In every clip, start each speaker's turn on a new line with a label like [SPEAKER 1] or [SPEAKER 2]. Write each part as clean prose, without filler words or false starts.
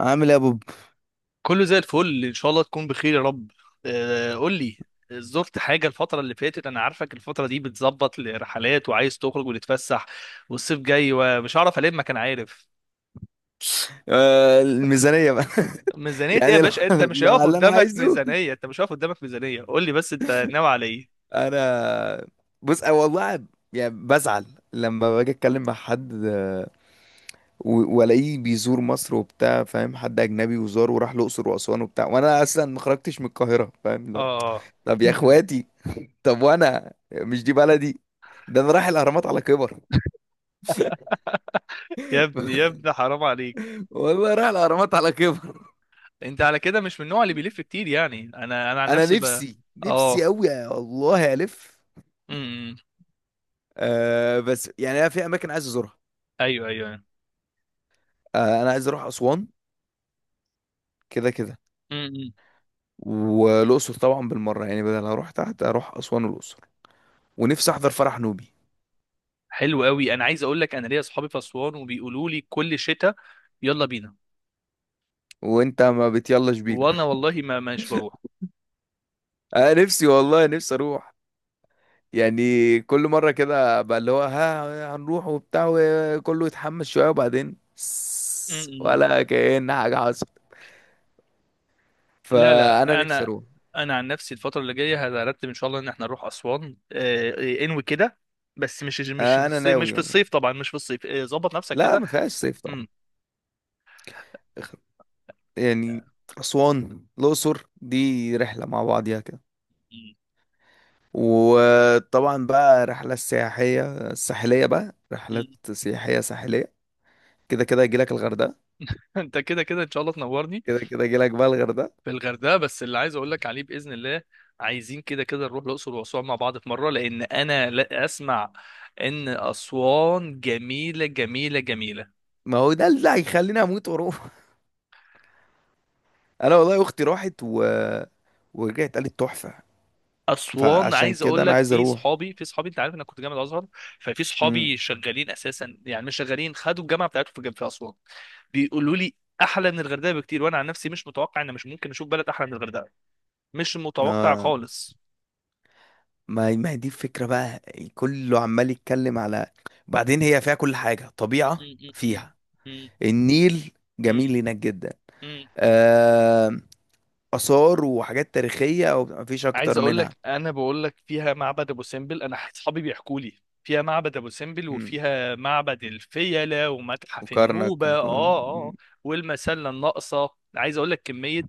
[SPEAKER 1] عامل ايه يا بوب؟
[SPEAKER 2] كله زي الفل ان شاء الله تكون بخير يا رب. قول لي، زرت حاجة الفترة اللي فاتت؟ انا عارفك الفترة دي بتظبط لرحلات وعايز تخرج وتتفسح، والصيف جاي ومش هعرف الم كان عارف.
[SPEAKER 1] آه، الميزانية بقى.
[SPEAKER 2] ميزانية ايه يا
[SPEAKER 1] يعني لو
[SPEAKER 2] باشا؟ انت مش
[SPEAKER 1] لو على
[SPEAKER 2] هيقف
[SPEAKER 1] اللي انا
[SPEAKER 2] قدامك
[SPEAKER 1] عايزه.
[SPEAKER 2] ميزانية، انت مش هيقف قدامك ميزانية، قول لي بس انت ناوي على ايه.
[SPEAKER 1] انا بص، أنا والله يعني بزعل لما باجي اتكلم مع حد، والاقيه بيزور مصر وبتاع، فاهم؟ حد اجنبي وزار وراح الاقصر واسوان وبتاع، وانا اصلا ما خرجتش من القاهرة، فاهم؟ لا.
[SPEAKER 2] اه.
[SPEAKER 1] طب يا اخواتي، طب وانا مش دي بلدي؟ ده انا رايح الاهرامات على كبر.
[SPEAKER 2] يا ابني يا ابني حرام عليك.
[SPEAKER 1] والله رايح الاهرامات على كبر.
[SPEAKER 2] انت على كده مش من النوع اللي بيلف كتير، يعني انا عن
[SPEAKER 1] انا
[SPEAKER 2] نفسي
[SPEAKER 1] نفسي
[SPEAKER 2] اه.
[SPEAKER 1] قوي، يا الله الف.
[SPEAKER 2] امم.
[SPEAKER 1] آه بس يعني انا في اماكن عايز ازورها.
[SPEAKER 2] ايوه
[SPEAKER 1] آه انا عايز اروح اسوان كده كده،
[SPEAKER 2] ايوه.
[SPEAKER 1] والاقصر طبعا بالمره. يعني بدل هروح تحت اروح اسوان والاقصر، ونفسي احضر فرح نوبي.
[SPEAKER 2] حلو قوي. انا عايز اقول لك، انا ليا اصحابي في اسوان وبيقولوا لي كل شتاء يلا بينا،
[SPEAKER 1] وانت ما بتيلاش بينا؟
[SPEAKER 2] وانا والله ما مش بروح.
[SPEAKER 1] آه نفسي والله نفسي اروح. يعني كل مره كده بقى اللي هو ها هنروح وبتاع، وكله يتحمس شويه وبعدين
[SPEAKER 2] م- م.
[SPEAKER 1] ولا كأن حاجه حصلت.
[SPEAKER 2] لا
[SPEAKER 1] فانا
[SPEAKER 2] لا،
[SPEAKER 1] نفسي
[SPEAKER 2] انا
[SPEAKER 1] اروح.
[SPEAKER 2] انا عن نفسي الفتره اللي جايه هرتب ان شاء الله ان احنا نروح اسوان. انوي كده، بس مش في
[SPEAKER 1] آه انا
[SPEAKER 2] الصيف، مش
[SPEAKER 1] ناوي
[SPEAKER 2] في
[SPEAKER 1] والله.
[SPEAKER 2] الصيف طبعا، مش في الصيف. ظبط نفسك
[SPEAKER 1] لا
[SPEAKER 2] كده.
[SPEAKER 1] ما فيهاش صيف طبعا.
[SPEAKER 2] م-
[SPEAKER 1] يعني اسوان الاقصر دي رحله مع بعضيها كده.
[SPEAKER 2] م-
[SPEAKER 1] وطبعا بقى رحلة سياحية ساحلية، بقى رحلات
[SPEAKER 2] م.
[SPEAKER 1] سياحية ساحلية. كده كده يجيلك الغردقة.
[SPEAKER 2] انت كده كده ان شاء الله تنورني.
[SPEAKER 1] كده كده يجيلك بقى الغردقة.
[SPEAKER 2] في الغردقه بس اللي عايز اقول لك عليه باذن الله، عايزين كده كده نروح الاقصر واسوان مع بعض في مره، لان انا لا اسمع ان اسوان جميله جميله جميله.
[SPEAKER 1] ما هو ده اللي هيخليني اموت واروح. انا والله اختي راحت و... ورجعت قالت تحفة.
[SPEAKER 2] اسوان،
[SPEAKER 1] فعشان
[SPEAKER 2] عايز
[SPEAKER 1] كده
[SPEAKER 2] اقول
[SPEAKER 1] انا
[SPEAKER 2] لك،
[SPEAKER 1] عايز
[SPEAKER 2] في
[SPEAKER 1] اروح.
[SPEAKER 2] صحابي في صحابي انت عارف انا كنت جامعه ازهر، ففي
[SPEAKER 1] امم،
[SPEAKER 2] صحابي شغالين اساسا، يعني مش شغالين، خدوا الجامعه بتاعتهم في جنب في اسوان. بيقولوا لي احلى من الغردقه بكتير، وانا عن نفسي مش متوقع ان مش ممكن اشوف بلد احلى من الغردقه، مش متوقع
[SPEAKER 1] آه.
[SPEAKER 2] خالص.
[SPEAKER 1] ما هي دي الفكرة بقى. كله عمال يتكلم على، بعدين هي فيها كل حاجة، طبيعة فيها النيل، جميل هناك جدا. آه، آثار وحاجات تاريخية ومفيش
[SPEAKER 2] عايز
[SPEAKER 1] أكتر
[SPEAKER 2] اقول
[SPEAKER 1] منها.
[SPEAKER 2] لك انا بقول لك فيها معبد ابو سمبل، انا اصحابي بيحكوا لي فيها معبد ابو سمبل،
[SPEAKER 1] مم.
[SPEAKER 2] وفيها معبد الفيلة ومتحف
[SPEAKER 1] وكرنك
[SPEAKER 2] النوبة.
[SPEAKER 1] وكل... مم.
[SPEAKER 2] والمسلة الناقصة. عايز اقول لك كمية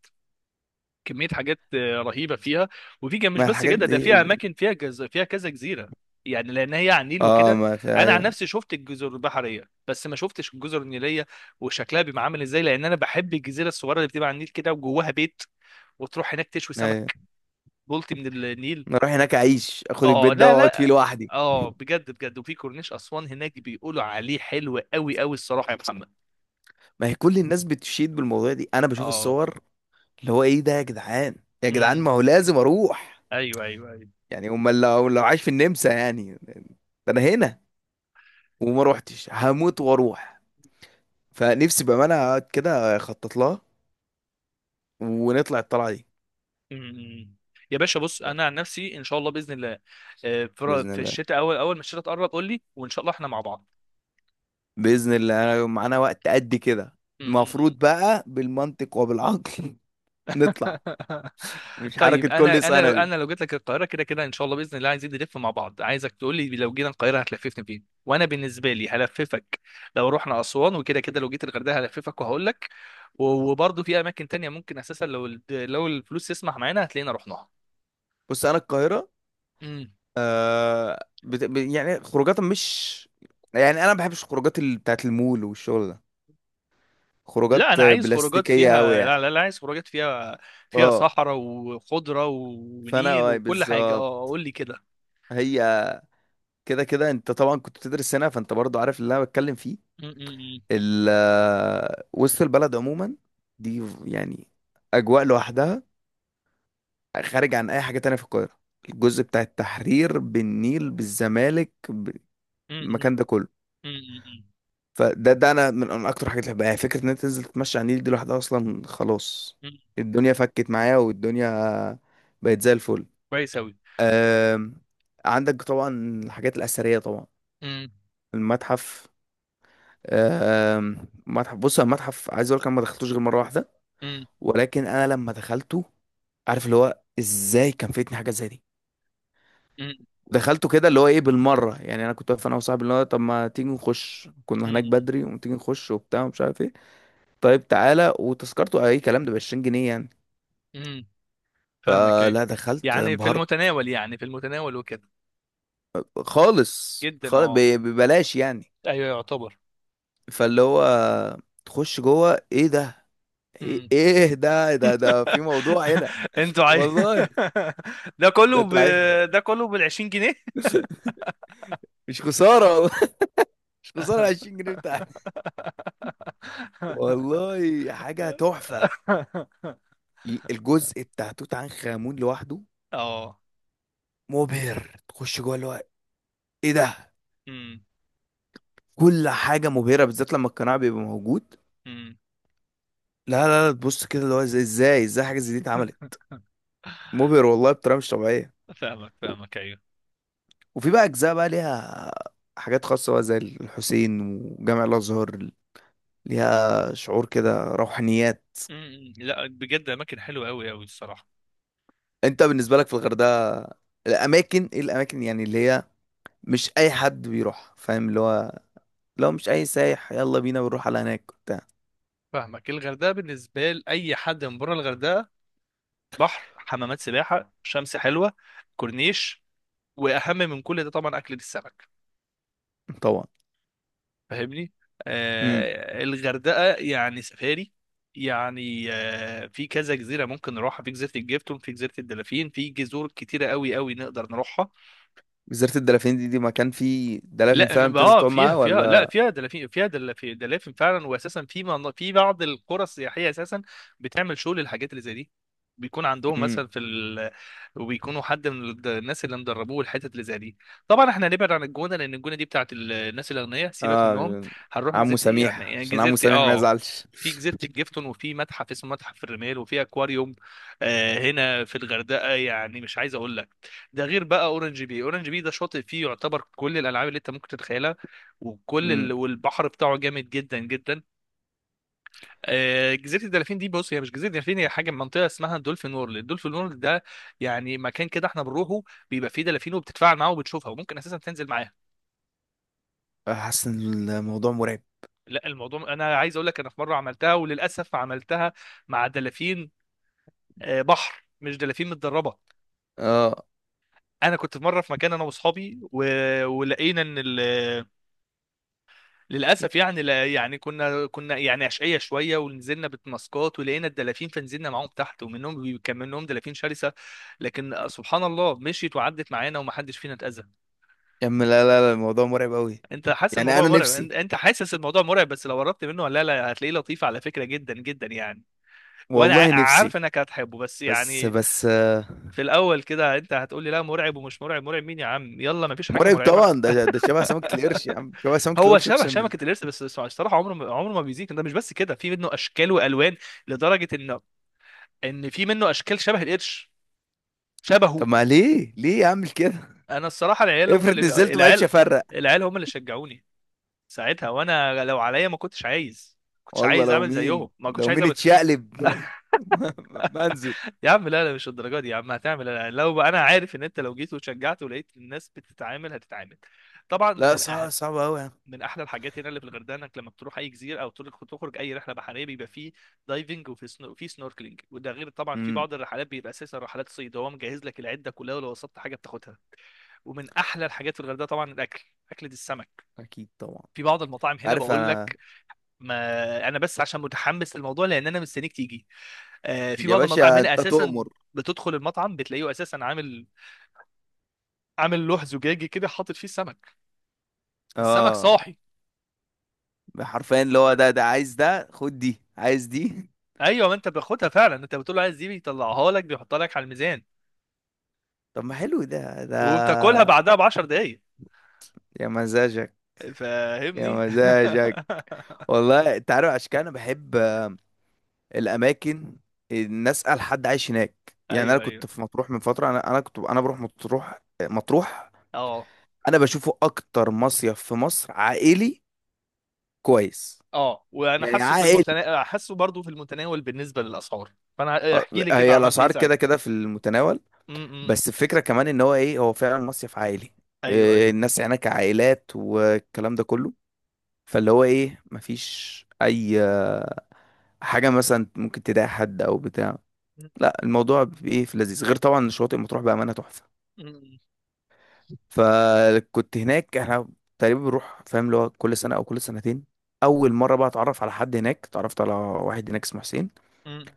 [SPEAKER 2] كمية حاجات رهيبة فيها. وفي كان مش
[SPEAKER 1] ما
[SPEAKER 2] بس
[SPEAKER 1] الحاجات
[SPEAKER 2] كده، ده فيها
[SPEAKER 1] دي.
[SPEAKER 2] اماكن فيها فيها كذا جزيرة، يعني لان هي على النيل
[SPEAKER 1] اه،
[SPEAKER 2] وكده.
[SPEAKER 1] ما في،
[SPEAKER 2] انا عن
[SPEAKER 1] ايوه.
[SPEAKER 2] نفسي شفت الجزر البحرية بس ما شفتش الجزر النيلية، وشكلها بيبقى عامل ازاي؟ لان انا بحب الجزيرة الصغيرة اللي بتبقى على النيل كده وجواها بيت، وتروح هناك تشوي
[SPEAKER 1] ايوه،
[SPEAKER 2] سمك بلطي من النيل.
[SPEAKER 1] أنا اروح هناك اعيش، اخد
[SPEAKER 2] اه
[SPEAKER 1] البيت ده
[SPEAKER 2] لا
[SPEAKER 1] واقعد فيه
[SPEAKER 2] لا.
[SPEAKER 1] لوحدي.
[SPEAKER 2] اه بجد بجد، وفي كورنيش اسوان هناك بيقولوا عليه حلو قوي قوي الصراحه يا محمد.
[SPEAKER 1] ما هي كل الناس بتشيد بالموضوع دي، انا بشوف
[SPEAKER 2] اه.
[SPEAKER 1] الصور اللي هو ايه ده يا جدعان؟ يا جدعان،
[SPEAKER 2] امم.
[SPEAKER 1] ما هو لازم اروح.
[SPEAKER 2] ايوه ايوه ايوه.
[SPEAKER 1] يعني امال لو عايش في النمسا يعني ده؟ انا هنا وما روحتش، هموت واروح. فنفسي بامانه اقعد كده اخطط لها، ونطلع الطلعه دي.
[SPEAKER 2] امم. يا باشا بص، انا عن نفسي ان شاء الله باذن الله في
[SPEAKER 1] بإذن
[SPEAKER 2] في
[SPEAKER 1] الله.
[SPEAKER 2] الشتاء، اول ما الشتاء تقرب قول لي، وان شاء الله احنا مع بعض.
[SPEAKER 1] بإذن الله. أنا يوم معانا وقت قد كده،
[SPEAKER 2] امم.
[SPEAKER 1] المفروض بقى بالمنطق وبالعقل نطلع، مش
[SPEAKER 2] طيب
[SPEAKER 1] حركة
[SPEAKER 2] انا
[SPEAKER 1] كل
[SPEAKER 2] انا لو
[SPEAKER 1] سنة دي.
[SPEAKER 2] انا لو جيت لك القاهره كده كده ان شاء الله باذن الله، عايزين نلف مع بعض. عايزك تقول لي لو جينا القاهره هتلففني فين، وانا بالنسبه لي هلففك لو رحنا اسوان، وكده كده لو جيت الغردقه هلففك وهقول لك. وبرضه في اماكن تانية ممكن اساسا، لو الفلوس تسمح معانا هتلاقينا رحناها.
[SPEAKER 1] بص أنا القاهرة،
[SPEAKER 2] امم.
[SPEAKER 1] يعني خروجات مش، يعني أنا ما بحبش الخروجات بتاعت المول والشغل ده،
[SPEAKER 2] لا
[SPEAKER 1] خروجات
[SPEAKER 2] انا
[SPEAKER 1] آه،
[SPEAKER 2] عايز خروجات
[SPEAKER 1] بلاستيكية أوي
[SPEAKER 2] فيها،
[SPEAKER 1] يعني.
[SPEAKER 2] لا لا لا، عايز خروجات فيها، فيها
[SPEAKER 1] اه،
[SPEAKER 2] صحراء وخضره
[SPEAKER 1] فأنا
[SPEAKER 2] ونيل
[SPEAKER 1] اه
[SPEAKER 2] وكل حاجه. اه
[SPEAKER 1] بالظبط.
[SPEAKER 2] قول لي كده.
[SPEAKER 1] هي كده كده أنت طبعا كنت بتدرس هنا، فأنت برضو عارف اللي أنا بتكلم فيه.
[SPEAKER 2] أمم، أمم،
[SPEAKER 1] آه، وسط البلد عموما دي يعني أجواء لوحدها، خارج عن اي حاجه تانية في القاهره. الجزء بتاع التحرير، بالنيل، بالزمالك،
[SPEAKER 2] أمم،
[SPEAKER 1] المكان ده كله.
[SPEAKER 2] أمم، أمم،
[SPEAKER 1] فده انا من اكتر حاجات اللي بحبها، يعني فكره ان انت تنزل تتمشى على النيل دي لوحدها اصلا خلاص،
[SPEAKER 2] أمم.
[SPEAKER 1] الدنيا فكت معايا والدنيا بقت زي الفل.
[SPEAKER 2] كويس أوي.
[SPEAKER 1] آم، عندك طبعا الحاجات الاثريه طبعا،
[SPEAKER 2] امم
[SPEAKER 1] المتحف. آم، متحف، بص أنا المتحف عايز اقول لك أنا ما دخلتوش غير مره واحده،
[SPEAKER 2] امم
[SPEAKER 1] ولكن انا لما دخلته، عارف اللي هو ازاي كان فاتني حاجه زي دي.
[SPEAKER 2] امم
[SPEAKER 1] دخلته كده اللي هو ايه بالمره. يعني انا كنت واقف انا وصاحبي اللي هو طب ما تيجي نخش، كنا هناك
[SPEAKER 2] امم
[SPEAKER 1] بدري وتيجي نخش وبتاع ومش عارف ايه، طيب تعالى. وتذكرته اي كلام، ده ب 20 جنيه يعني.
[SPEAKER 2] امم. فاهمك ايوه،
[SPEAKER 1] فلا دخلت،
[SPEAKER 2] يعني في
[SPEAKER 1] انبهرت.
[SPEAKER 2] المتناول، يعني في المتناول وكده.
[SPEAKER 1] خالص
[SPEAKER 2] جدا
[SPEAKER 1] خالص،
[SPEAKER 2] اه.
[SPEAKER 1] ببلاش يعني.
[SPEAKER 2] ايوه يعتبر.
[SPEAKER 1] فاللي هو تخش جوه، ايه ده؟ ايه
[SPEAKER 2] امم.
[SPEAKER 1] إيه ده ده ده في موضوع هنا.
[SPEAKER 2] انتوا
[SPEAKER 1] والله.
[SPEAKER 2] ده
[SPEAKER 1] ده
[SPEAKER 2] كله ب...
[SPEAKER 1] تعال
[SPEAKER 2] ده كله بال 20 جنيه.
[SPEAKER 1] مش خساره والله، مش خساره 20 جنيه بتاعتي، والله حاجه تحفه. الجزء بتاع توت عنخ امون لوحده
[SPEAKER 2] اه.
[SPEAKER 1] مبهر. تخش جوه اللي هو ايه ده؟
[SPEAKER 2] امم
[SPEAKER 1] كل حاجه مبهره، بالذات لما القناع بيبقى موجود.
[SPEAKER 2] امم.
[SPEAKER 1] لا تبص كده اللي هو ازاي ازاي حاجه زي دي اتعملت. مبهر والله بطريقه مش طبيعيه.
[SPEAKER 2] فاهمك
[SPEAKER 1] و-
[SPEAKER 2] فاهمك ايوه.
[SPEAKER 1] وفي بقى اجزاء بقى ليها حاجات خاصه بقى زي الحسين وجامع الازهر، ليها شعور كده روحانيات.
[SPEAKER 2] امم. لا بجد، اماكن حلوه قوي قوي الصراحه.
[SPEAKER 1] انت بالنسبه لك في الغردقه الاماكن ايه، الاماكن يعني اللي هي مش اي حد بيروح، فاهم اللي هو؟ لو مش اي سايح يلا بينا بنروح على هناك وبتاع
[SPEAKER 2] فاهمك، الغردقه بالنسبه لاي حد من بره الغردقه: بحر، حمامات سباحه، شمس حلوه، كورنيش، واهم من كل ده طبعا اكله السمك.
[SPEAKER 1] طبعا.
[SPEAKER 2] فاهمني. الغردقه يعني سفاري، يعني في كذا جزيره ممكن نروحها، في جزيره الجيفتون، في جزيره الدلافين، في جزر كتيره قوي قوي نقدر نروحها.
[SPEAKER 1] جزيرة الدلافين دي، دي مكان فيه دلافين
[SPEAKER 2] لا
[SPEAKER 1] فعلا بتنزل
[SPEAKER 2] اه
[SPEAKER 1] تقعد
[SPEAKER 2] فيها
[SPEAKER 1] معاه،
[SPEAKER 2] فيها لا
[SPEAKER 1] ولا؟
[SPEAKER 2] فيها دلافين، فيها دلافين دلافين فعلا، واساسا في بعض القرى السياحيه اساسا بتعمل شغل الحاجات اللي زي دي، بيكون عندهم
[SPEAKER 1] امم،
[SPEAKER 2] مثلا وبيكونوا حد من الناس اللي مدربوه الحتت اللي زي دي. طبعا احنا هنبعد عن الجونه، لان الجونه دي بتاعت الناس الاغنياء، سيبك منهم.
[SPEAKER 1] اه.
[SPEAKER 2] هنروح
[SPEAKER 1] عمو
[SPEAKER 2] جزيره، يعني
[SPEAKER 1] سميح،
[SPEAKER 2] يعني
[SPEAKER 1] عشان عمو
[SPEAKER 2] جزيره
[SPEAKER 1] سميح ما
[SPEAKER 2] اه.
[SPEAKER 1] يزعلش.
[SPEAKER 2] في جزيره الجيفتون، وفي متحف اسمه متحف الرمال، وفي اكواريوم. هنا في الغردقه، يعني مش عايز اقول لك، ده غير بقى اورنج بي، اورنج بي ده شاطئ فيه يعتبر كل الالعاب اللي انت ممكن تتخيلها.
[SPEAKER 1] امم.
[SPEAKER 2] والبحر بتاعه جامد جدا جدا. جزيره الدلافين دي، بص، هي مش جزيره الدلافين، هي حاجه منطقه اسمها دولفين وورلد. الدولفين وورلد ده يعني مكان كده احنا بنروحه، بيبقى فيه دلافين وبتتفاعل معاها وبتشوفها وممكن اساسا تنزل معاها.
[SPEAKER 1] حاسس ان الموضوع مرعب.
[SPEAKER 2] لا، الموضوع، انا عايز اقول لك انا في مره عملتها وللاسف عملتها مع دلافين. بحر مش دلافين متدربه.
[SPEAKER 1] اه،
[SPEAKER 2] انا كنت في مره في مكان انا واصحابي ولقينا ان ال... للاسف يعني لا يعني كنا يعني عشقيه شويه، ونزلنا بتماسكات ولقينا الدلافين، فنزلنا معاهم تحت، كان منهم دلافين شرسه، لكن سبحان الله مشيت وعدت معانا ومحدش فينا اتاذى.
[SPEAKER 1] يا عم لا الموضوع مرعب قوي.
[SPEAKER 2] انت حاسس
[SPEAKER 1] يعني
[SPEAKER 2] الموضوع
[SPEAKER 1] انا
[SPEAKER 2] مرعب؟ انت
[SPEAKER 1] نفسي،
[SPEAKER 2] أنت حاسس الموضوع مرعب، بس لو قربت منه لا لا هتلاقيه لطيف على فكره جدا جدا يعني. وانا
[SPEAKER 1] والله نفسي.
[SPEAKER 2] عارف انك هتحبه، بس
[SPEAKER 1] بس
[SPEAKER 2] يعني
[SPEAKER 1] بس آه،
[SPEAKER 2] في الاول كده انت هتقول لي لا مرعب، ومش مرعب، مرعب مين يا عم؟ يلا مفيش حاجه
[SPEAKER 1] مرعب
[SPEAKER 2] مرعبه.
[SPEAKER 1] طبعا. ده ده شبه سمكة القرش يا عم، شبه سمكة
[SPEAKER 2] هو
[SPEAKER 1] القرش،
[SPEAKER 2] شبه
[SPEAKER 1] اقسم
[SPEAKER 2] شبكة
[SPEAKER 1] بالله.
[SPEAKER 2] القرش، بس الصراحة عمره ما عمره ما بيزيد. ده مش بس كده، في منه أشكال وألوان، لدرجة إن في منه أشكال شبه القرش، شبهه.
[SPEAKER 1] طب ما ليه، ليه اعمل كده؟
[SPEAKER 2] أنا الصراحة،
[SPEAKER 1] افرض نزلت ما عرفش افرق.
[SPEAKER 2] العيال هم اللي شجعوني ساعتها. وأنا لو عليا ما كنتش عايز، ما كنتش
[SPEAKER 1] والله
[SPEAKER 2] عايز
[SPEAKER 1] لو
[SPEAKER 2] أعمل زيهم،
[SPEAKER 1] مين،
[SPEAKER 2] ما كنتش
[SPEAKER 1] لو
[SPEAKER 2] عايز
[SPEAKER 1] مين
[SPEAKER 2] أعمل.
[SPEAKER 1] اتشقلب ما انزل.
[SPEAKER 2] يا عم لا لا مش الدرجة دي، يا عم هتعمل، لا لا. لو أنا عارف إن أنت لو جيت وشجعت ولقيت الناس بتتعامل هتتعامل. طبعا
[SPEAKER 1] لا
[SPEAKER 2] من
[SPEAKER 1] صعب،
[SPEAKER 2] أهم،
[SPEAKER 1] صعب قوي يا
[SPEAKER 2] من احلى الحاجات هنا اللي في الغردقه، انك لما بتروح اي جزيره او تخرج اي رحله بحريه بيبقى فيه دايفنج، وفي سنوركلينج، وده غير طبعا في
[SPEAKER 1] عم.
[SPEAKER 2] بعض الرحلات بيبقى اساسا رحلات صيد، هو مجهز لك العده كلها ولو وصلت حاجه بتاخدها. ومن احلى الحاجات في الغردقه طبعا الاكل، اكله السمك.
[SPEAKER 1] اكيد طبعا.
[SPEAKER 2] في بعض المطاعم هنا
[SPEAKER 1] عارف
[SPEAKER 2] بقول
[SPEAKER 1] انا.
[SPEAKER 2] لك، ما انا بس عشان متحمس للموضوع لان انا مستنيك تيجي. في
[SPEAKER 1] يا
[SPEAKER 2] بعض المطاعم
[SPEAKER 1] باشا
[SPEAKER 2] هنا
[SPEAKER 1] انت
[SPEAKER 2] اساسا
[SPEAKER 1] تؤمر.
[SPEAKER 2] بتدخل المطعم بتلاقيه اساسا عامل، لوح زجاجي كده حاطط فيه سمك، السمك
[SPEAKER 1] اه،
[SPEAKER 2] صاحي.
[SPEAKER 1] حرفيا اللي هو ده، ده عايز ده، خد دي، عايز دي.
[SPEAKER 2] ايوه، ما انت بتاخدها فعلا، انت بتقول له عايز دي، بيطلعها لك بيحطها لك على الميزان،
[SPEAKER 1] طب ما حلو ده ده.
[SPEAKER 2] وبتاكلها بعدها ب 10 دقايق.
[SPEAKER 1] يا مزاجك. يا
[SPEAKER 2] فاهمني.
[SPEAKER 1] مزاجك. والله انت عارف، عشان كده انا بحب الاماكن ان اسال حد عايش هناك. يعني انا
[SPEAKER 2] ايوه
[SPEAKER 1] كنت
[SPEAKER 2] ايوه.
[SPEAKER 1] في مطروح من فتره، انا كنت بروح مطروح.
[SPEAKER 2] اه
[SPEAKER 1] انا بشوفه اكتر مصيف في مصر عائلي. كويس.
[SPEAKER 2] اه. وانا
[SPEAKER 1] يعني
[SPEAKER 2] حاسه
[SPEAKER 1] عائلي.
[SPEAKER 2] حاسه برضو في المتناول بالنسبه للاسعار. فانا احكي لي كده
[SPEAKER 1] هي
[SPEAKER 2] عملت ايه
[SPEAKER 1] الاسعار
[SPEAKER 2] ساعتها.
[SPEAKER 1] كده كده في المتناول،
[SPEAKER 2] امم.
[SPEAKER 1] بس الفكرة كمان ان هو ايه، هو فعلا مصيف عائلي.
[SPEAKER 2] ايوه
[SPEAKER 1] إيه،
[SPEAKER 2] ايوه.
[SPEAKER 1] الناس هناك عائلات والكلام ده كله، فاللي هو ايه مفيش اي آه، حاجة مثلا ممكن تضايق حد او بتاع. لا الموضوع ايه في لذيذ، غير طبعا شواطئ مطروح بأمانة تحفة.
[SPEAKER 2] أمم،
[SPEAKER 1] فكنت هناك، احنا تقريبا بنروح فاهم اللي هو كل سنة او كل سنتين. اول مرة بقى اتعرف على حد هناك، اتعرفت على واحد هناك اسمه حسين.
[SPEAKER 2] أمم،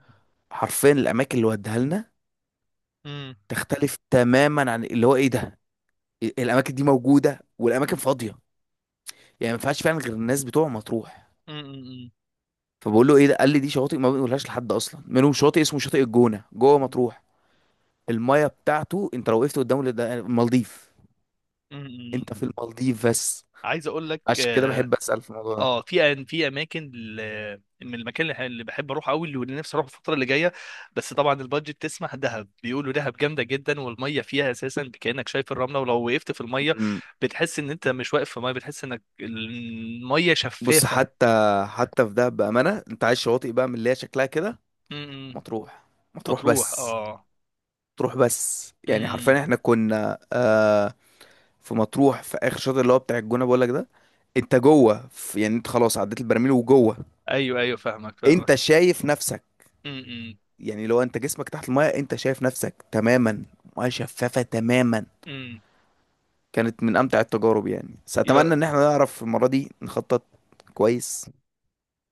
[SPEAKER 1] حرفيا الاماكن اللي وديها لنا
[SPEAKER 2] أمم،
[SPEAKER 1] تختلف تماما عن اللي هو ايه ده. الاماكن دي موجودة والاماكن فاضية، يعني ما ينفعش فعلا غير الناس بتوع مطروح.
[SPEAKER 2] أمم،
[SPEAKER 1] فبقول له ايه ده، قال لي دي شواطئ ما بنقولهاش لحد، اصلا منهم شاطئ اسمه شاطئ الجونه جوه
[SPEAKER 2] أمم،
[SPEAKER 1] مطروح. المايه بتاعته انت لو وقفت قدامه ده المالديف، انت في
[SPEAKER 2] أمم.
[SPEAKER 1] المالديف بس.
[SPEAKER 2] عايز اقول لك
[SPEAKER 1] عشان كده بحب اسال في الموضوع ده.
[SPEAKER 2] اه في اماكن من المكان اللي بحب اروح قوي، واللي نفسي اروح الفتره اللي جايه، بس طبعا البادجت تسمح. دهب، بيقولوا دهب جامده جدا، والميه فيها اساسا كانك شايف الرمله، ولو وقفت في الميه
[SPEAKER 1] أمم.
[SPEAKER 2] بتحس ان انت مش واقف في ميه، بتحس انك الميه
[SPEAKER 1] بص،
[SPEAKER 2] شفافه.
[SPEAKER 1] حتى حتى في ده بامانه، انت عايز شواطئ بقى من اللي هي شكلها كده،
[SPEAKER 2] إمم.
[SPEAKER 1] مطروح. مطروح
[SPEAKER 2] مطروح
[SPEAKER 1] بس،
[SPEAKER 2] اه.
[SPEAKER 1] مطروح بس. يعني حرفيا
[SPEAKER 2] إمم.
[SPEAKER 1] احنا كنا آه في مطروح في اخر شاطئ اللي هو بتاع الجونه، بقول لك ده انت جوه يعني انت خلاص عديت البراميل وجوه،
[SPEAKER 2] ايوه ايوه فاهمك فاهمك.
[SPEAKER 1] انت شايف نفسك.
[SPEAKER 2] امم امم
[SPEAKER 1] يعني لو انت جسمك تحت المايه انت شايف نفسك تماما، ميه شفافه تماما.
[SPEAKER 2] إمم.
[SPEAKER 1] كانت من امتع التجارب يعني. بس اتمنى
[SPEAKER 2] يا
[SPEAKER 1] ان احنا نعرف المره دي نخطط كويس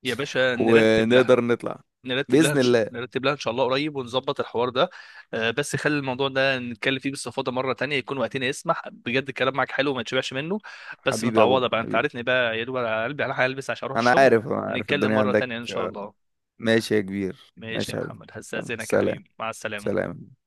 [SPEAKER 2] يا باشا نرتب لها،
[SPEAKER 1] ونقدر نطلع باذن الله.
[SPEAKER 2] نرتب لها ان شاء الله قريب ونظبط الحوار ده. بس خلي الموضوع ده نتكلم فيه باستفاضه مره تانية يكون وقتنا يسمح، بجد الكلام معاك حلو وما تشبعش منه. بس
[SPEAKER 1] حبيبي يا
[SPEAKER 2] متعوضه
[SPEAKER 1] بوب،
[SPEAKER 2] بقى، انت
[SPEAKER 1] حبيبي.
[SPEAKER 2] عارفني بقى يا دوب على قلبي، انا هلبس عشان اروح
[SPEAKER 1] انا
[SPEAKER 2] الشغل،
[SPEAKER 1] عارف، انا عارف
[SPEAKER 2] ونتكلم
[SPEAKER 1] الدنيا
[SPEAKER 2] مره
[SPEAKER 1] عندك.
[SPEAKER 2] تانية ان شاء الله.
[SPEAKER 1] ماشي يا كبير،
[SPEAKER 2] ماشي يا
[SPEAKER 1] ماشي يا حبيبي.
[SPEAKER 2] محمد، هستاذنك يا
[SPEAKER 1] سلام.
[SPEAKER 2] حبيبي، مع السلامه.
[SPEAKER 1] سلام.